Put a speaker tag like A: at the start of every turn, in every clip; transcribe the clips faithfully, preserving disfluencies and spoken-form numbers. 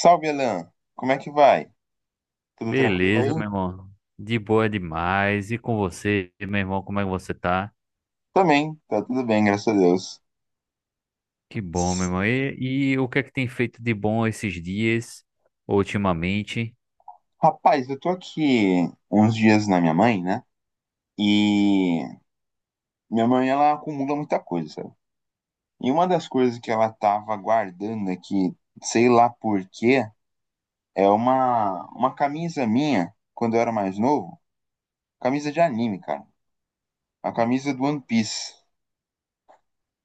A: Salve, Alan. Como é que vai? Tudo tranquilo
B: Beleza,
A: aí?
B: meu irmão. De boa demais. E com você, meu irmão, como é que você tá?
A: Também, tá tudo bem, graças a Deus.
B: Que bom, meu
A: S-
B: irmão. E, e o que é que tem feito de bom esses dias, ultimamente?
A: Rapaz, eu tô aqui uns dias na minha mãe, né? E minha mãe, ela acumula muita coisa, sabe? E uma das coisas que ela tava guardando aqui, sei lá por quê, é uma, uma camisa minha, quando eu era mais novo, camisa de anime, cara. A camisa do One Piece.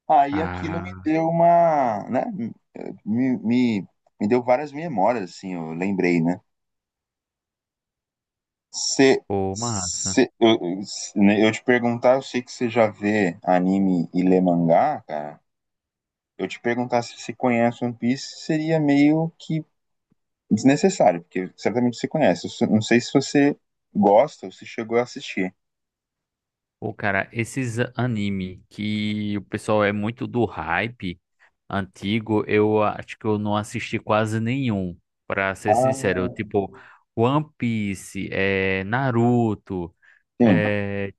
A: Aí aquilo me
B: Ah,
A: deu uma, né? Me, me, me deu várias memórias, assim, eu lembrei, né? Cê,
B: pô, massa.
A: cê- eu, eu né, eu te perguntar, eu sei que você já vê anime e lê mangá, cara. Eu te perguntar se você conhece One Piece seria meio que desnecessário, porque certamente você conhece. Eu só- não sei se você gosta ou se chegou a assistir.
B: Pô, cara, esses anime que o pessoal é muito do hype antigo, eu acho que eu não assisti quase nenhum, pra ser sincero. Eu,
A: Ah,
B: tipo, One Piece, é, Naruto.
A: sim,
B: é,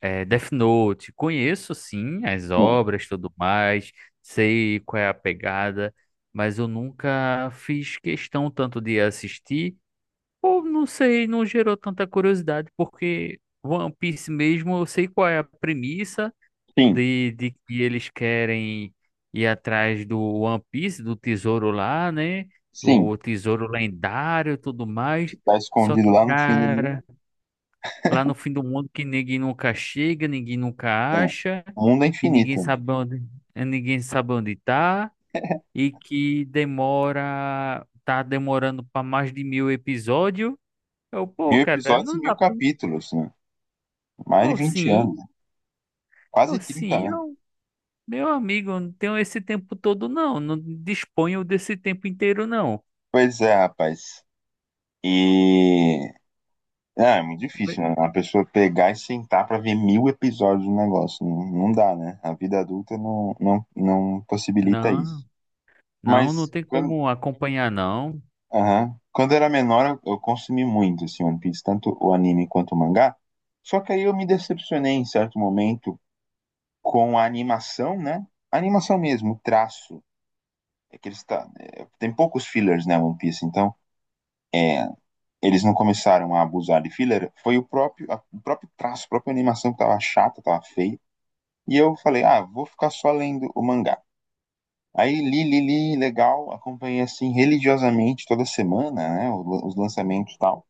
B: É, Death Note, conheço sim as
A: sim,
B: obras, tudo mais, sei qual é a pegada, mas eu nunca fiz questão tanto de assistir, ou não sei, não gerou tanta curiosidade, porque One Piece mesmo, eu sei qual é a premissa
A: sim,
B: de, de que eles querem ir atrás do One Piece, do tesouro lá, né?
A: sim.
B: O tesouro lendário, e tudo mais.
A: Que tá
B: Só
A: escondido
B: que,
A: lá no fim do mundo.
B: cara. Lá no fim do mundo que ninguém nunca chega, ninguém
A: É.
B: nunca acha,
A: O mundo é
B: e ninguém
A: infinito, né?
B: sabe onde, eh, ninguém sabe onde tá, e que demora, tá demorando para mais de mil episódios. Eu, pô,
A: Mil
B: cara,
A: episódios e
B: não dá
A: mil
B: pra.
A: capítulos, né? Mais de
B: Oh,
A: vinte
B: sim,
A: anos, né?
B: oh,
A: Quase trinta
B: sim,
A: anos.
B: eu, meu amigo, eu não tenho esse tempo todo, não. Não disponho desse tempo inteiro, não.
A: Pois é, rapaz. E É, é muito difícil, né? A pessoa pegar e sentar pra ver mil episódios do negócio. Não, não dá, né? A vida adulta não, não, não possibilita
B: Não,
A: isso.
B: não, não
A: Mas
B: tem
A: quando,
B: como acompanhar, não.
A: aham. Quando eu era menor, eu, eu consumi muito assim, One Piece, tanto o anime quanto o mangá. Só que aí eu me decepcionei em certo momento com a animação, né? A animação mesmo, o traço. É que eles tá, é, tem poucos fillers, né, One Piece? Então, é, eles não começaram a abusar de filler. Foi o próprio, a- o próprio traço, a própria animação que tava chata, tava feia. E eu falei, ah, vou ficar só lendo o mangá. Aí li, li, li, legal, acompanhei assim religiosamente toda semana, né, o- os lançamentos e tal.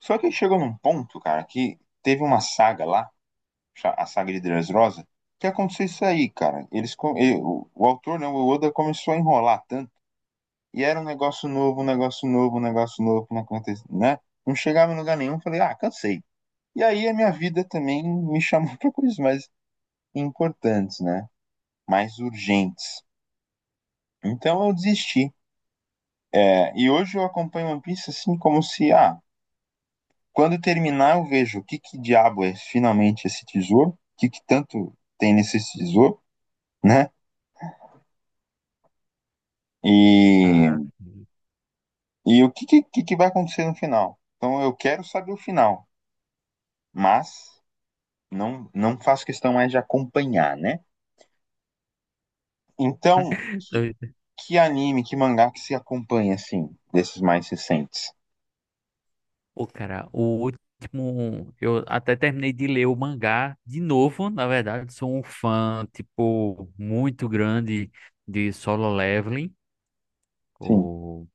A: Só que chegou num ponto, cara, que teve uma saga lá, cha- a saga de Dressrosa, que aconteceu isso aí, cara. Eles, co- e- o, o autor, não, o Oda começou a enrolar tanto, e era um negócio novo, um negócio novo, um negócio novo, não aconte- né? Não chegava em lugar nenhum, falei, ah, cansei. E aí a minha vida também me chamou para coisas mais importantes, né? Mais urgentes. Então eu desisti. É, e hoje eu acompanho One Piece assim como se, ah, quando terminar eu vejo o que que diabo é finalmente esse tesouro, o que que tanto tem nesse tesouro, né?
B: Ah,
A: E, e o que que, que que vai acontecer no final. Então eu quero saber o final, mas não, não faço questão mais de acompanhar, né? Então, que, que anime, que mangá que se acompanha, assim, desses mais recentes?
B: Pô, cara, o último. Eu até terminei de ler o mangá de novo. Na verdade, sou um fã, tipo, muito grande de Solo Leveling,
A: Sim,
B: o...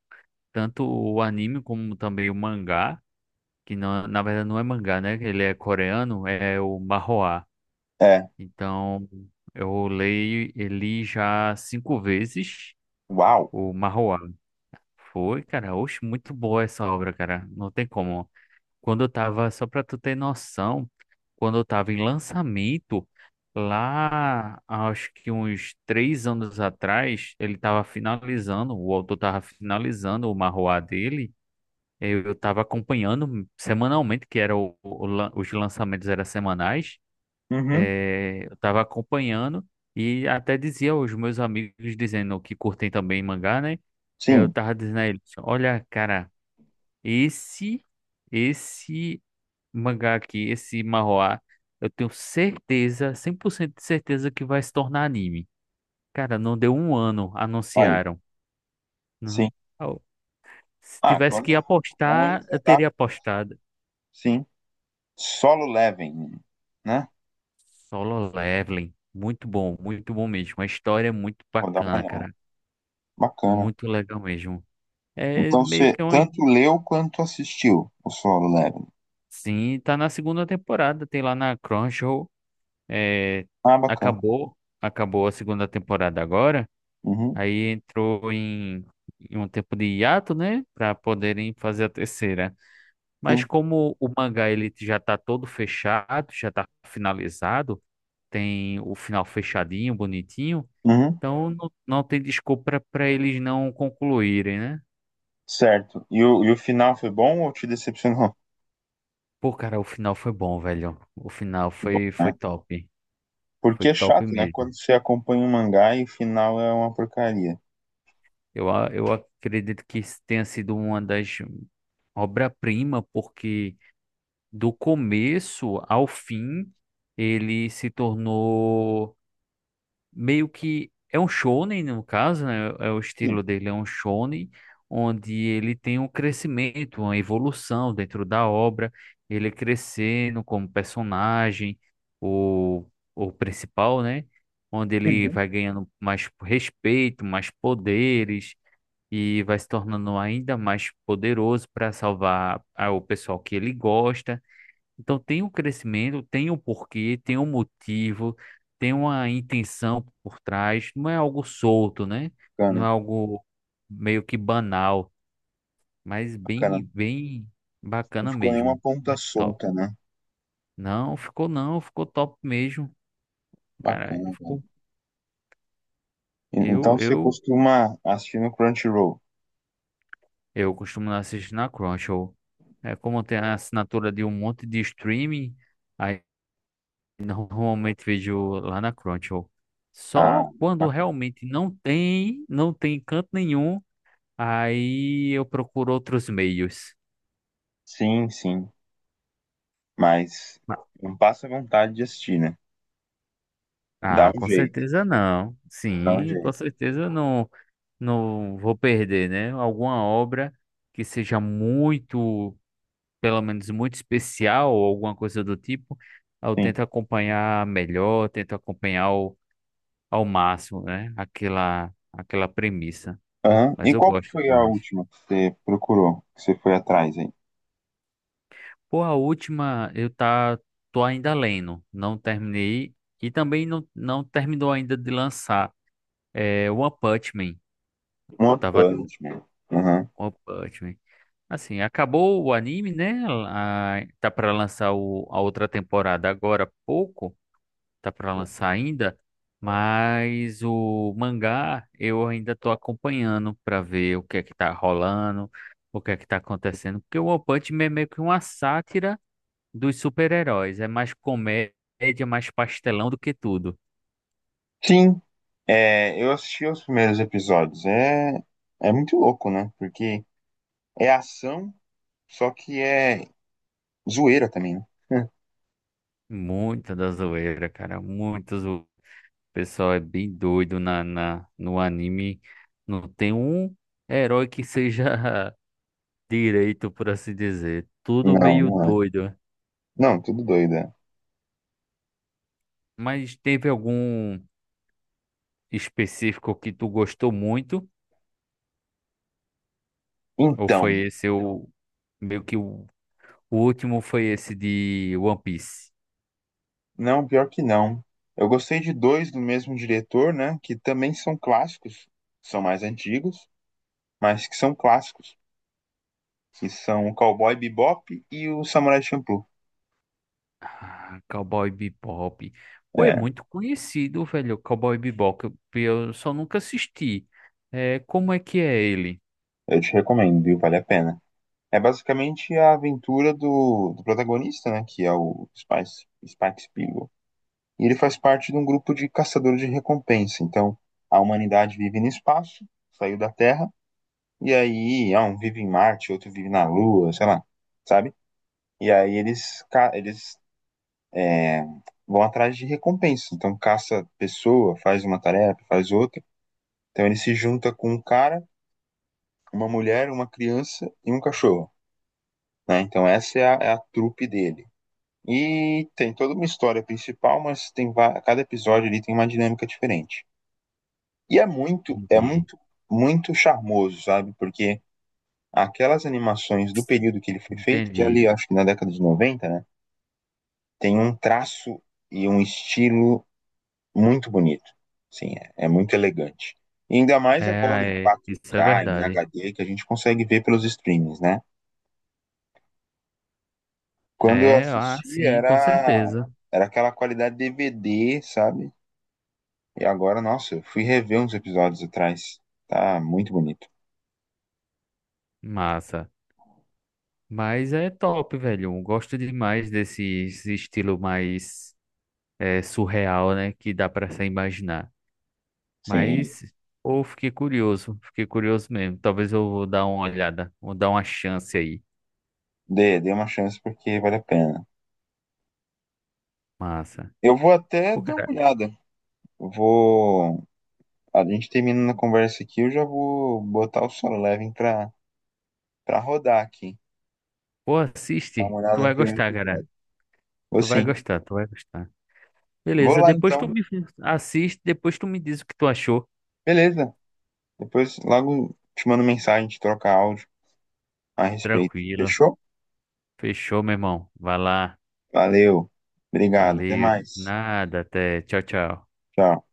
B: tanto o anime como também o mangá, que não, na verdade não é mangá, né? Ele é coreano, é o Manhwa.
A: é,
B: Então, eu leio ele já cinco vezes,
A: uau,
B: o Manhwa. Foi, cara, oxe, muito boa essa obra, cara. Não tem como. Quando eu tava, só pra tu ter noção, quando eu tava em lançamento, lá acho que uns três anos atrás, ele tava finalizando, o autor tava finalizando o marroá dele. Eu, eu tava acompanhando semanalmente, que era o, o lan- os lançamentos eram semanais.
A: uhum.
B: eh, eu tava acompanhando e até dizia aos meus amigos, dizendo que curtem também mangá, né? Eu
A: Sim,
B: tava dizendo a eles, olha, cara, esse. Esse mangá aqui, esse manhwa, eu tenho certeza, cem por cento de certeza que vai se tornar anime. Cara, não deu um ano,
A: aí,
B: anunciaram.
A: sim.
B: Não- Au. Se
A: Ah,
B: tivesse
A: quando
B: que
A: é muito bom,
B: apostar,
A: eles
B: eu teria
A: adaptam,
B: apostado.
A: sim. Solo Leveling, né?
B: Solo Leveling, muito bom, muito bom mesmo. A história é muito
A: Vou dar uma
B: bacana,
A: olhada.
B: cara.
A: Bacana.
B: Muito legal mesmo. É
A: Então
B: meio
A: você
B: que um.
A: tanto leu quanto assistiu o Solo Leveling.
B: Sim, tá na segunda temporada, tem lá na Crunchyroll. É,
A: Ah, bacana.
B: acabou, acabou a segunda temporada agora.
A: Uhum,
B: Aí entrou em, em um tempo de hiato, né? Para poderem fazer a terceira. Mas
A: sim.
B: como o mangá ele já tá todo fechado, já tá finalizado, tem o final fechadinho, bonitinho,
A: Uhum,
B: então não, não tem desculpa para eles não concluírem, né?
A: certo. E o, e o final foi bom ou te decepcionou?
B: Pô, cara, o final foi bom, velho. O final
A: Que bom,
B: foi, foi
A: né?
B: top. Foi
A: Porque é
B: top
A: chato, né? Quando
B: mesmo.
A: você acompanha um mangá e o final é uma porcaria.
B: Eu, a- eu acredito que isso tenha sido uma das obra-prima, porque. Do começo ao fim, ele se tornou meio que é um shonen no caso, né? É o
A: Sim.
B: estilo dele, é um shonen onde ele tem um crescimento, uma evolução dentro da obra, ele crescendo como personagem, o o principal, né? Onde ele
A: Uhum.
B: vai ganhando mais respeito, mais poderes e vai se tornando ainda mais poderoso para salvar ah, o pessoal que ele gosta, então tem um crescimento, tem um porquê, tem um motivo, tem uma intenção por trás. Não é algo solto, né? Não é
A: Bacana,
B: algo meio que banal, mas
A: bacana.
B: bem, bem
A: Não
B: bacana
A: ficou nenhuma
B: mesmo.
A: ponta
B: Muito top.
A: solta, né?
B: Não, ficou não, ficou top mesmo. Cara,
A: Bacana.
B: ficou.
A: E-
B: Eu,
A: Então você
B: eu,
A: costuma assistir no Crunchyroll.
B: eu costumo assistir na Crunchyroll. É como tem a assinatura de um monte de streaming, aí normalmente vejo lá na Crunchyroll.
A: Ah,
B: Só quando realmente não tem, não tem canto nenhum, aí eu procuro outros meios.
A: sim, sim. Mas não passa vontade de assistir, né? Dá
B: Ah,
A: um
B: com
A: jeito,
B: certeza não.
A: dá um
B: Sim, com
A: jeito,
B: certeza eu não, não vou perder, né? Alguma obra que seja muito, pelo menos muito especial ou alguma coisa do tipo, eu
A: sim.
B: tento acompanhar melhor, tento acompanhar ao, ao máximo, né? Aquela, aquela premissa.
A: Aham.
B: Mas
A: E
B: eu
A: qual que
B: gosto
A: foi a
B: demais.
A: última que você procurou, que você foi atrás aí?
B: Pô, a última eu tá, tô ainda lendo, não terminei e também não, não terminou ainda de lançar. É One Punch Man,
A: Um One
B: tava
A: Punch Man. Aham.
B: One Punch Man. Assim, acabou o anime, né? A- tá pra lançar o, a outra temporada agora há pouco, tá pra lançar ainda, mas o mangá eu ainda tô acompanhando pra ver o que é que tá rolando, o que é que tá acontecendo, porque o One Punch Man é meio que uma sátira dos super-heróis. É mais comédia, mais pastelão do que tudo.
A: Sim, é, eu assisti os primeiros episódios. É, é muito louco, né? Porque é ação, só que é zoeira também, né?
B: Muita da zoeira, cara. Muito zoeira. O pessoal é bem doido na, na, no anime. Não tem um herói que seja direito, por assim dizer. Tudo
A: Não,
B: meio
A: não é.
B: doido.
A: Não, tudo doido, é.
B: Mas teve algum específico que tu gostou muito? Ou foi
A: Então,
B: esse o meio que o, o último foi esse de One Piece?
A: não, pior que não. Eu gostei de dois do mesmo diretor, né? Que também são clássicos, são mais antigos, mas que são clássicos, que são o Cowboy Bebop e o Samurai Champloo.
B: Ah, Cowboy Bebop. Pô, é
A: É,
B: muito conhecido, velho, Cowboy Bebop. Eu eu só nunca assisti. É, como é que é ele?
A: eu te recomendo, viu? Vale a pena. É basicamente a aventura do, do protagonista, né? Que é o Spice, Spike Spiegel. E ele faz parte de um grupo de caçadores de recompensa. Então, a humanidade vive no espaço, saiu da Terra, e aí, ah, um vive em Marte, outro vive na Lua, sei lá, sabe? E aí eles, ca- eles é, vão atrás de recompensa. Então caça pessoa, faz uma tarefa, faz outra. Então ele se junta com um cara, uma mulher, uma criança e um cachorro, né? Então essa é a, é a trupe dele. E tem toda uma história principal, mas tem va- cada episódio ali tem uma dinâmica diferente. E é muito, é
B: Entendi,
A: muito, muito charmoso, sabe? Porque aquelas animações do período que ele foi feito, que é
B: entendi.
A: ali acho que na década de noventa, né? Tem um traço e um estilo muito bonito. Sim, é, é muito elegante. E ainda mais
B: É,
A: agora
B: ah,
A: em
B: é, isso é
A: quatro K, em
B: verdade.
A: H D, que a gente consegue ver pelos streams, né? Quando eu
B: É, ah,
A: assisti
B: sim, com
A: era
B: certeza.
A: era aquela qualidade D V D, sabe? E agora, nossa, eu fui rever uns episódios atrás. Tá muito bonito.
B: Massa. Mas é top, velho. Eu gosto demais desse esse estilo mais é, surreal, né? Que dá pra se imaginar.
A: Sim,
B: Mas, pô, fiquei curioso. Fiquei curioso mesmo. Talvez eu vou dar uma olhada. Vou dar uma chance aí.
A: dê, dê uma chance porque vale a pena.
B: Massa.
A: Eu vou até
B: Pô,
A: dar uma
B: cara,
A: olhada. Eu vou. A gente terminando a conversa aqui, eu já vou botar o Solo Levin pra, pra rodar aqui.
B: pô,
A: Dar uma
B: assiste. Tu
A: olhada no
B: vai
A: primeiro
B: gostar, cara.
A: episódio. Vou
B: Tu vai
A: sim.
B: gostar, tu vai gostar.
A: Vou
B: Beleza,
A: lá
B: depois tu
A: então.
B: me assiste, depois tu me diz o que tu achou.
A: Beleza. Depois logo te mando mensagem, te trocar áudio a respeito.
B: Tranquilo.
A: Fechou?
B: Fechou, meu irmão. Vai lá.
A: Valeu. Obrigado. Até
B: Valeu.
A: mais.
B: Nada, até. Tchau, tchau.
A: Tchau.